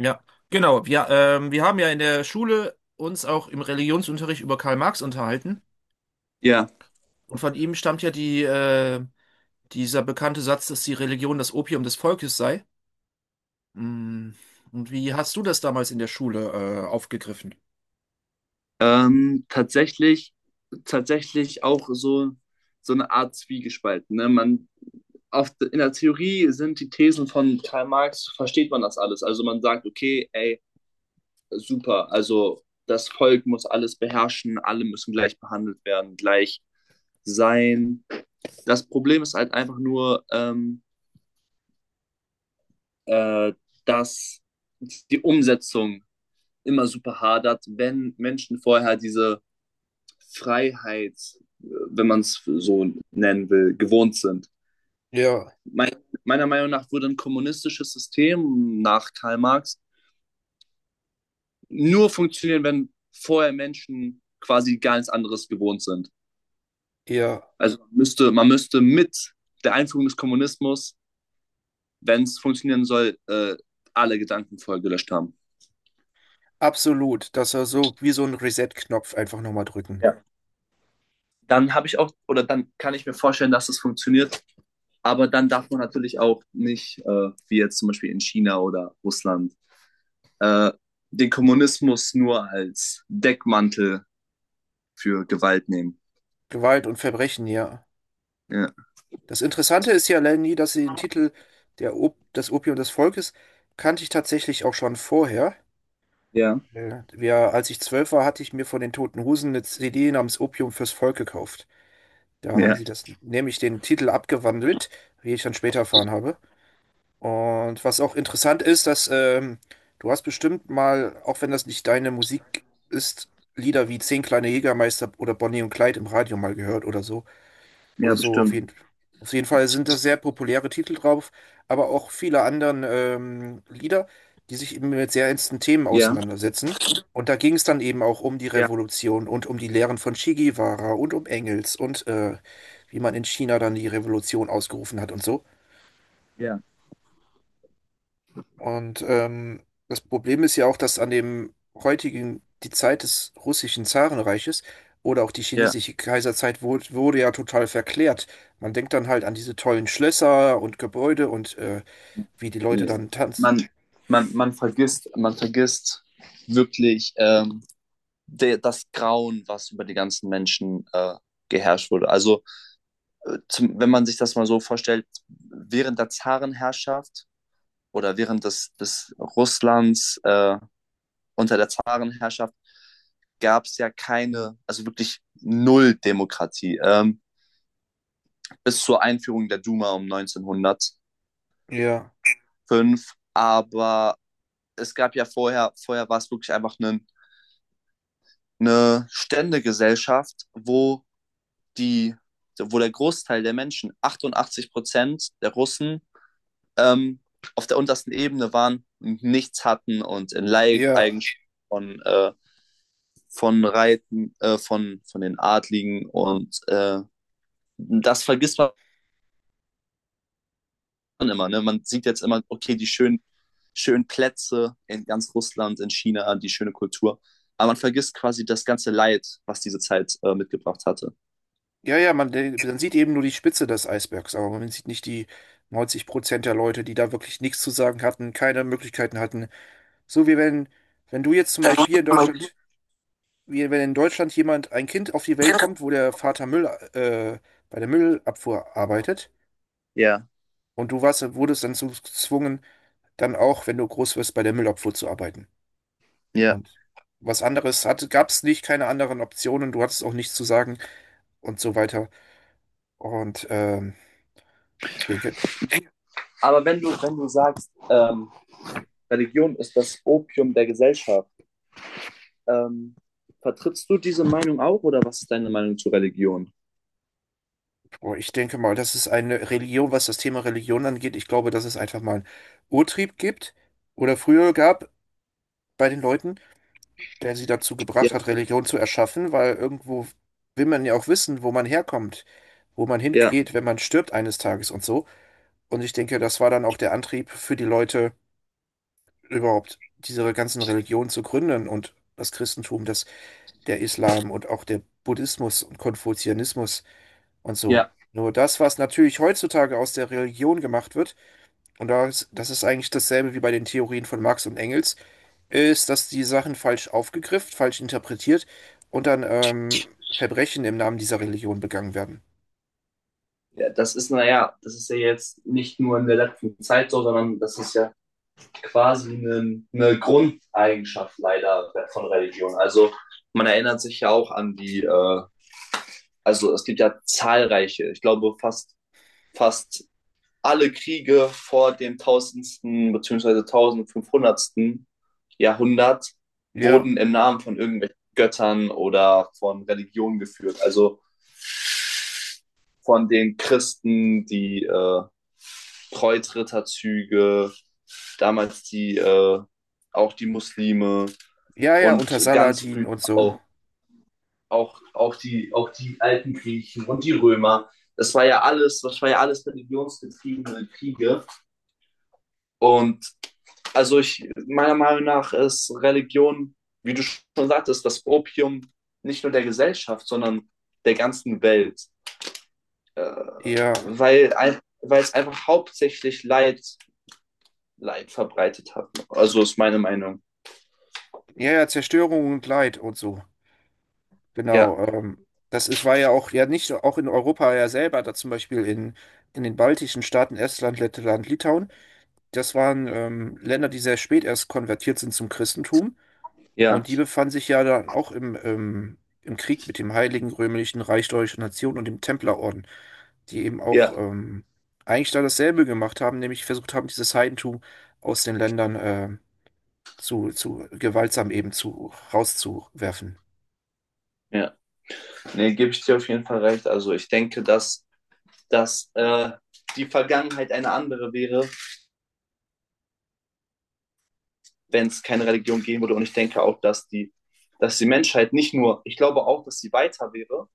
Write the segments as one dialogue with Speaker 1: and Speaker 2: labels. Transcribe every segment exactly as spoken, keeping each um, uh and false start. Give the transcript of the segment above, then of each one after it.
Speaker 1: Ja, genau. Wir, ähm, wir haben ja in der Schule uns auch im Religionsunterricht über Karl Marx unterhalten.
Speaker 2: Ja,
Speaker 1: Und von ihm stammt ja die, äh, dieser bekannte Satz, dass die Religion das Opium des Volkes sei. Mm. Und wie hast du das damals in der Schule, äh, aufgegriffen?
Speaker 2: ähm, tatsächlich, tatsächlich auch so, so eine Art Zwiegespalt. Ne? Man, oft in der Theorie sind die Thesen von Karl Marx, versteht man das alles. Also man sagt, okay, ey, super, also das Volk muss alles beherrschen, alle müssen gleich behandelt werden, gleich sein. Das Problem ist halt einfach nur, ähm, äh, dass die Umsetzung immer super hadert, wenn Menschen vorher diese Freiheit, wenn man es so nennen will, gewohnt sind.
Speaker 1: Ja,
Speaker 2: Mein, Meiner Meinung nach würde ein kommunistisches System nach Karl Marx nur funktionieren, wenn vorher Menschen quasi gar nichts anderes gewohnt sind.
Speaker 1: ja,
Speaker 2: Also man müsste, man müsste mit der Einführung des Kommunismus, wenn es funktionieren soll, äh, alle Gedanken vorher gelöscht haben.
Speaker 1: absolut. Das war so wie so ein Reset-Knopf einfach nochmal drücken.
Speaker 2: Ja. Dann habe ich auch, oder dann kann ich mir vorstellen, dass es funktioniert, aber dann darf man natürlich auch nicht, äh, wie jetzt zum Beispiel in China oder Russland, äh, den Kommunismus nur als Deckmantel für Gewalt nehmen.
Speaker 1: Gewalt und Verbrechen, ja.
Speaker 2: Ja,
Speaker 1: Das Interessante ist ja, Lenny, dass sie den Titel der Op Das Opium des Volkes kannte ich tatsächlich auch schon vorher.
Speaker 2: ja,
Speaker 1: Äh, Wir, als ich zwölf war, hatte ich mir von den Toten Hosen eine C D namens Opium fürs Volk gekauft. Da haben
Speaker 2: ja,
Speaker 1: sie das nämlich den Titel abgewandelt, wie ich dann später erfahren habe. Und was auch interessant ist, dass ähm, du hast bestimmt mal, auch wenn das nicht deine Musik ist, Lieder wie Zehn kleine Jägermeister oder Bonnie und Clyde im Radio mal gehört oder so.
Speaker 2: ja
Speaker 1: Oder so, auf
Speaker 2: bestimmt.
Speaker 1: jeden, auf jeden Fall sind da sehr populäre Titel drauf, aber auch viele anderen ähm, Lieder, die sich eben mit sehr ernsten Themen
Speaker 2: Ja,
Speaker 1: auseinandersetzen. Und da ging es dann eben auch um die
Speaker 2: ja,
Speaker 1: Revolution und um die Lehren von Che Guevara und um Engels und äh, wie man in China dann die Revolution ausgerufen hat und so.
Speaker 2: ja,
Speaker 1: Und ähm, das Problem ist ja auch, dass an dem heutigen, die Zeit des russischen Zarenreiches oder auch die
Speaker 2: ja.
Speaker 1: chinesische Kaiserzeit wurde, wurde ja total verklärt. Man denkt dann halt an diese tollen Schlösser und Gebäude und äh, wie die Leute dann tanzen.
Speaker 2: Man, man, man vergisst, man vergisst wirklich ähm, de, das Grauen, was über die ganzen Menschen äh, geherrscht wurde. Also äh, zum, wenn man sich das mal so vorstellt, während der Zarenherrschaft oder während des, des Russlands äh, unter der Zarenherrschaft gab es ja keine, also wirklich null Demokratie, ähm, bis zur Einführung der Duma um neunzehnhundertfünf.
Speaker 1: Ja,
Speaker 2: Aber es gab ja vorher, vorher war es wirklich einfach eine, eine Ständegesellschaft, wo die, wo der Großteil der Menschen, achtundachtzig Prozent der Russen, ähm, auf der untersten Ebene waren, nichts hatten und in
Speaker 1: ja,
Speaker 2: Leibeigenschaften von, äh, von Reiten, äh, von, von den Adligen und äh, das vergisst man immer. Ne? Man sieht jetzt immer, okay, die schönen, schönen Plätze in ganz Russland, in China, die schöne Kultur. Aber man vergisst quasi das ganze Leid, was diese Zeit äh, mitgebracht hatte.
Speaker 1: ja, ja, man, de- man sieht eben nur die Spitze des Eisbergs, aber man sieht nicht die neunzig Prozent der Leute, die da wirklich nichts zu sagen hatten, keine Möglichkeiten hatten. So wie wenn, wenn du jetzt zum Beispiel hier in Deutschland. Wie wenn in Deutschland jemand, ein Kind auf die Welt kommt, wo der Vater Müll, äh, bei der Müllabfuhr arbeitet
Speaker 2: Ja,
Speaker 1: und du warst, wurdest dann so gezwungen, dann auch, wenn du groß wirst, bei der Müllabfuhr zu arbeiten.
Speaker 2: ja.
Speaker 1: Und was anderes hat, gab es nicht, keine anderen Optionen, du hattest auch nichts zu sagen und so weiter. Und ähm, denke,
Speaker 2: Aber wenn du, wenn du sagst, ähm, Religion ist das Opium der Gesellschaft, ähm, vertrittst du diese Meinung auch oder was ist deine Meinung zu Religion?
Speaker 1: boah, ich denke mal, das ist eine Religion, was das Thema Religion angeht. Ich glaube, dass es einfach mal einen Urtrieb gibt oder früher gab bei den Leuten, der sie dazu
Speaker 2: Ja,
Speaker 1: gebracht hat, Religion zu erschaffen, weil irgendwo will man ja auch wissen, wo man herkommt, wo man
Speaker 2: ja,
Speaker 1: hingeht, wenn man stirbt eines Tages und so. Und ich denke, das war dann auch der Antrieb für die Leute, überhaupt diese ganzen Religionen zu gründen und das Christentum, das, der Islam und auch der Buddhismus und Konfuzianismus und so.
Speaker 2: ja.
Speaker 1: Nur das, was natürlich heutzutage aus der Religion gemacht wird, und das, das ist eigentlich dasselbe wie bei den Theorien von Marx und Engels, ist, dass die Sachen falsch aufgegriffen, falsch interpretiert und dann ähm, Verbrechen im Namen dieser Religion begangen werden.
Speaker 2: Ja, das ist, naja, das ist ja jetzt nicht nur in der letzten Zeit so, sondern das ist ja quasi eine, eine Grundeigenschaft leider von Religion. Also man erinnert sich ja auch an die, äh, also es gibt ja zahlreiche, ich glaube fast, fast alle Kriege vor dem tausendsten bzw. fünfzehnhundertsten. Jahrhundert
Speaker 1: Ja,
Speaker 2: wurden im Namen von irgendwelchen Göttern oder von Religionen geführt. Also von den Christen, die äh, Kreuzritterzüge, damals die äh, auch die Muslime.
Speaker 1: ja, ja, unter
Speaker 2: Und ganz
Speaker 1: Saladin
Speaker 2: früh
Speaker 1: und so.
Speaker 2: auch, auch, auch, die, auch die alten Griechen und die Römer. Das war ja alles, das war ja alles religionsgetriebene Kriege. Und also ich, meiner Meinung nach ist Religion, wie du schon sagtest, das Opium nicht nur der Gesellschaft, sondern der ganzen Welt. Äh,
Speaker 1: Ja,
Speaker 2: weil, weil es einfach hauptsächlich Leid, Leid verbreitet hat. Also ist meine Meinung.
Speaker 1: ja, ja, Zerstörung und Leid und so.
Speaker 2: Ja,
Speaker 1: Genau. Ähm, das ist, war ja auch, ja nicht auch in Europa ja selber, da zum Beispiel in, in den baltischen Staaten Estland, Lettland, Litauen. Das waren ähm, Länder, die sehr spät erst konvertiert sind zum Christentum.
Speaker 2: ja,
Speaker 1: Und die befand sich ja dann auch im, ähm, im Krieg mit dem Heiligen Römischen Reich Deutscher Nation und dem Templerorden, die eben auch
Speaker 2: ja,
Speaker 1: ähm, eigentlich da dasselbe gemacht haben, nämlich versucht haben, dieses Heidentum aus den Ländern äh, zu, zu gewaltsam eben zu rauszuwerfen.
Speaker 2: ja. Nee, gebe ich dir auf jeden Fall recht. Also ich denke, dass dass äh, die Vergangenheit eine andere wäre, wenn es keine Religion geben würde. Und ich denke auch, dass die, dass die Menschheit nicht nur, ich glaube auch, dass sie weiter wäre.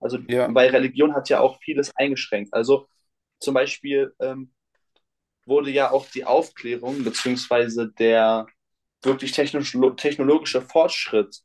Speaker 2: Also,
Speaker 1: Ja,
Speaker 2: weil Religion hat ja auch vieles eingeschränkt. Also zum Beispiel ähm, wurde ja auch die Aufklärung beziehungsweise der wirklich technisch, technologische Fortschritt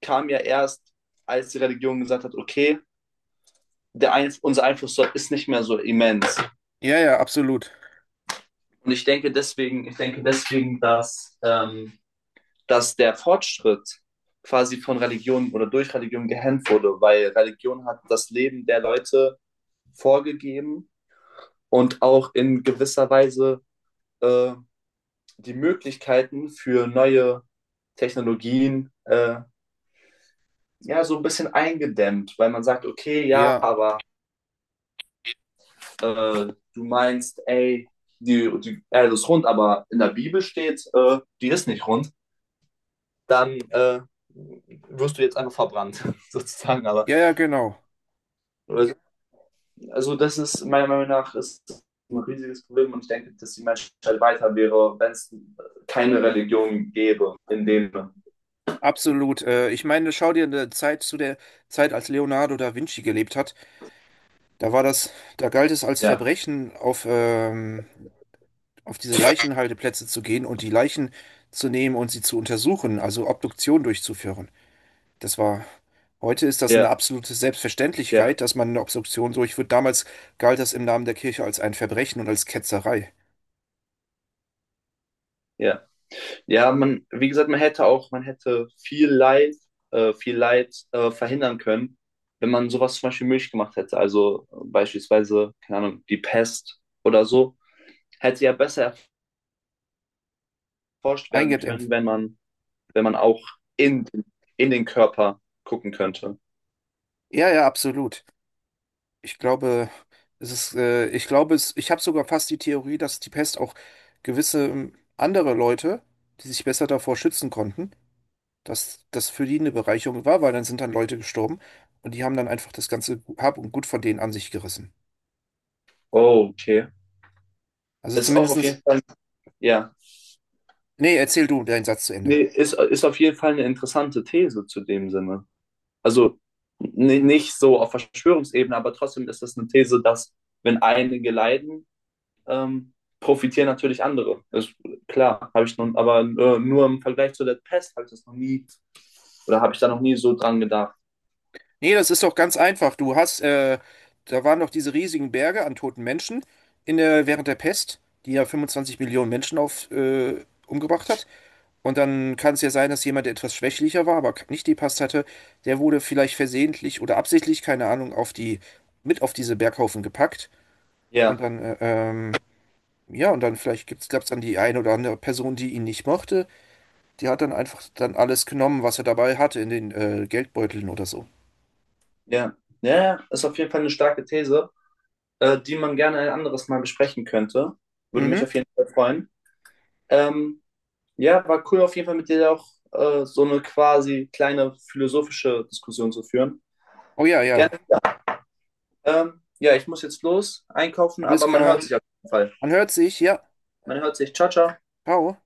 Speaker 2: kam ja erst, als die Religion gesagt hat, okay, der Einf unser Einfluss ist nicht mehr so immens.
Speaker 1: ja, ja, absolut.
Speaker 2: Und ich denke deswegen, ich denke deswegen, dass ähm, dass der Fortschritt quasi von Religion oder durch Religion gehemmt wurde, weil Religion hat das Leben der Leute vorgegeben und auch in gewisser Weise äh, die Möglichkeiten für neue Technologien äh, ja so ein bisschen eingedämmt, weil man sagt, okay, ja,
Speaker 1: Ja,
Speaker 2: aber äh, du meinst, ey, die, die Erde ist rund, aber in der Bibel steht, äh, die ist nicht rund, dann äh, wirst du jetzt einfach verbrannt, sozusagen. Aber
Speaker 1: ja, ja, genau.
Speaker 2: äh, also das ist meiner Meinung nach ist ein riesiges Problem und ich denke, dass die Menschheit weiter wäre, wenn es keine Religion gäbe in dem.
Speaker 1: Absolut. Äh, ich meine, schau dir eine Zeit zu der Zeit, als Leonardo da Vinci gelebt hat. Da war das, da galt es als
Speaker 2: Ja,
Speaker 1: Verbrechen, auf ähm, auf diese Leichenhalteplätze zu gehen und die Leichen zu nehmen und sie zu untersuchen, also Obduktion durchzuführen. Das war, heute ist das eine
Speaker 2: ja,
Speaker 1: absolute
Speaker 2: ja,
Speaker 1: Selbstverständlichkeit, dass man eine Obduktion durchführt. Damals galt das im Namen der Kirche als ein Verbrechen und als Ketzerei.
Speaker 2: ja. Ja, man, wie gesagt, man hätte auch, man hätte viel Leid, äh, viel Leid äh, verhindern können, wenn man sowas zum Beispiel möglich gemacht hätte. Also äh, beispielsweise, keine Ahnung, die Pest oder so, hätte ja besser erforscht werden können,
Speaker 1: Eingeimpft.
Speaker 2: wenn man, wenn man auch in, in den Körper gucken könnte.
Speaker 1: Ja, ja, absolut. Ich glaube, es ist, äh, ich glaube, es, ich habe sogar fast die Theorie, dass die Pest auch gewisse ähm, andere Leute, die sich besser davor schützen konnten, dass das für die eine Bereicherung war, weil dann sind dann Leute gestorben und die haben dann einfach das ganze Hab und Gut von denen an sich gerissen.
Speaker 2: Oh, okay.
Speaker 1: Also
Speaker 2: Ist auch auf
Speaker 1: zumindestens,
Speaker 2: jeden Fall, ja.
Speaker 1: nee, erzähl du deinen Satz zu Ende.
Speaker 2: Nee, ist, ist auf jeden Fall eine interessante These zu dem Sinne. Also ni- nicht so auf Verschwörungsebene, aber trotzdem ist das eine These, dass wenn einige leiden, ähm, profitieren natürlich andere. Ist klar, habe ich nun, aber äh, nur im Vergleich zu der Pest habe ich das noch nie oder habe ich da noch nie so dran gedacht.
Speaker 1: Nee, das ist doch ganz einfach. Du hast, äh, da waren doch diese riesigen Berge an toten Menschen in der, während der Pest, die ja fünfundzwanzig Millionen Menschen auf, äh, umgebracht hat. Und dann kann es ja sein, dass jemand, der etwas schwächlicher war, aber nicht die Pest hatte, der wurde vielleicht versehentlich oder absichtlich, keine Ahnung, auf die, mit auf diese Berghaufen gepackt. Und
Speaker 2: Ja,
Speaker 1: dann, äh, ähm, ja, und dann vielleicht gibt's, gab's dann die eine oder andere Person, die ihn nicht mochte. Die hat dann einfach dann alles genommen, was er dabei hatte in den äh, Geldbeuteln oder so.
Speaker 2: ja, ja, ja, ist auf jeden Fall eine starke These, äh, die man gerne ein anderes Mal besprechen könnte. Würde mich
Speaker 1: Mhm.
Speaker 2: auf jeden Fall freuen. Ähm, Ja, war cool auf jeden Fall mit dir auch äh, so eine quasi kleine philosophische Diskussion zu führen.
Speaker 1: Oh ja, ja.
Speaker 2: Gerne. Ähm, ja, ich muss jetzt los einkaufen,
Speaker 1: Alles
Speaker 2: aber man
Speaker 1: klar.
Speaker 2: hört sich auf jeden Fall.
Speaker 1: Man hört sich. Ja.
Speaker 2: Man hört sich. Ciao, ciao.
Speaker 1: Ciao.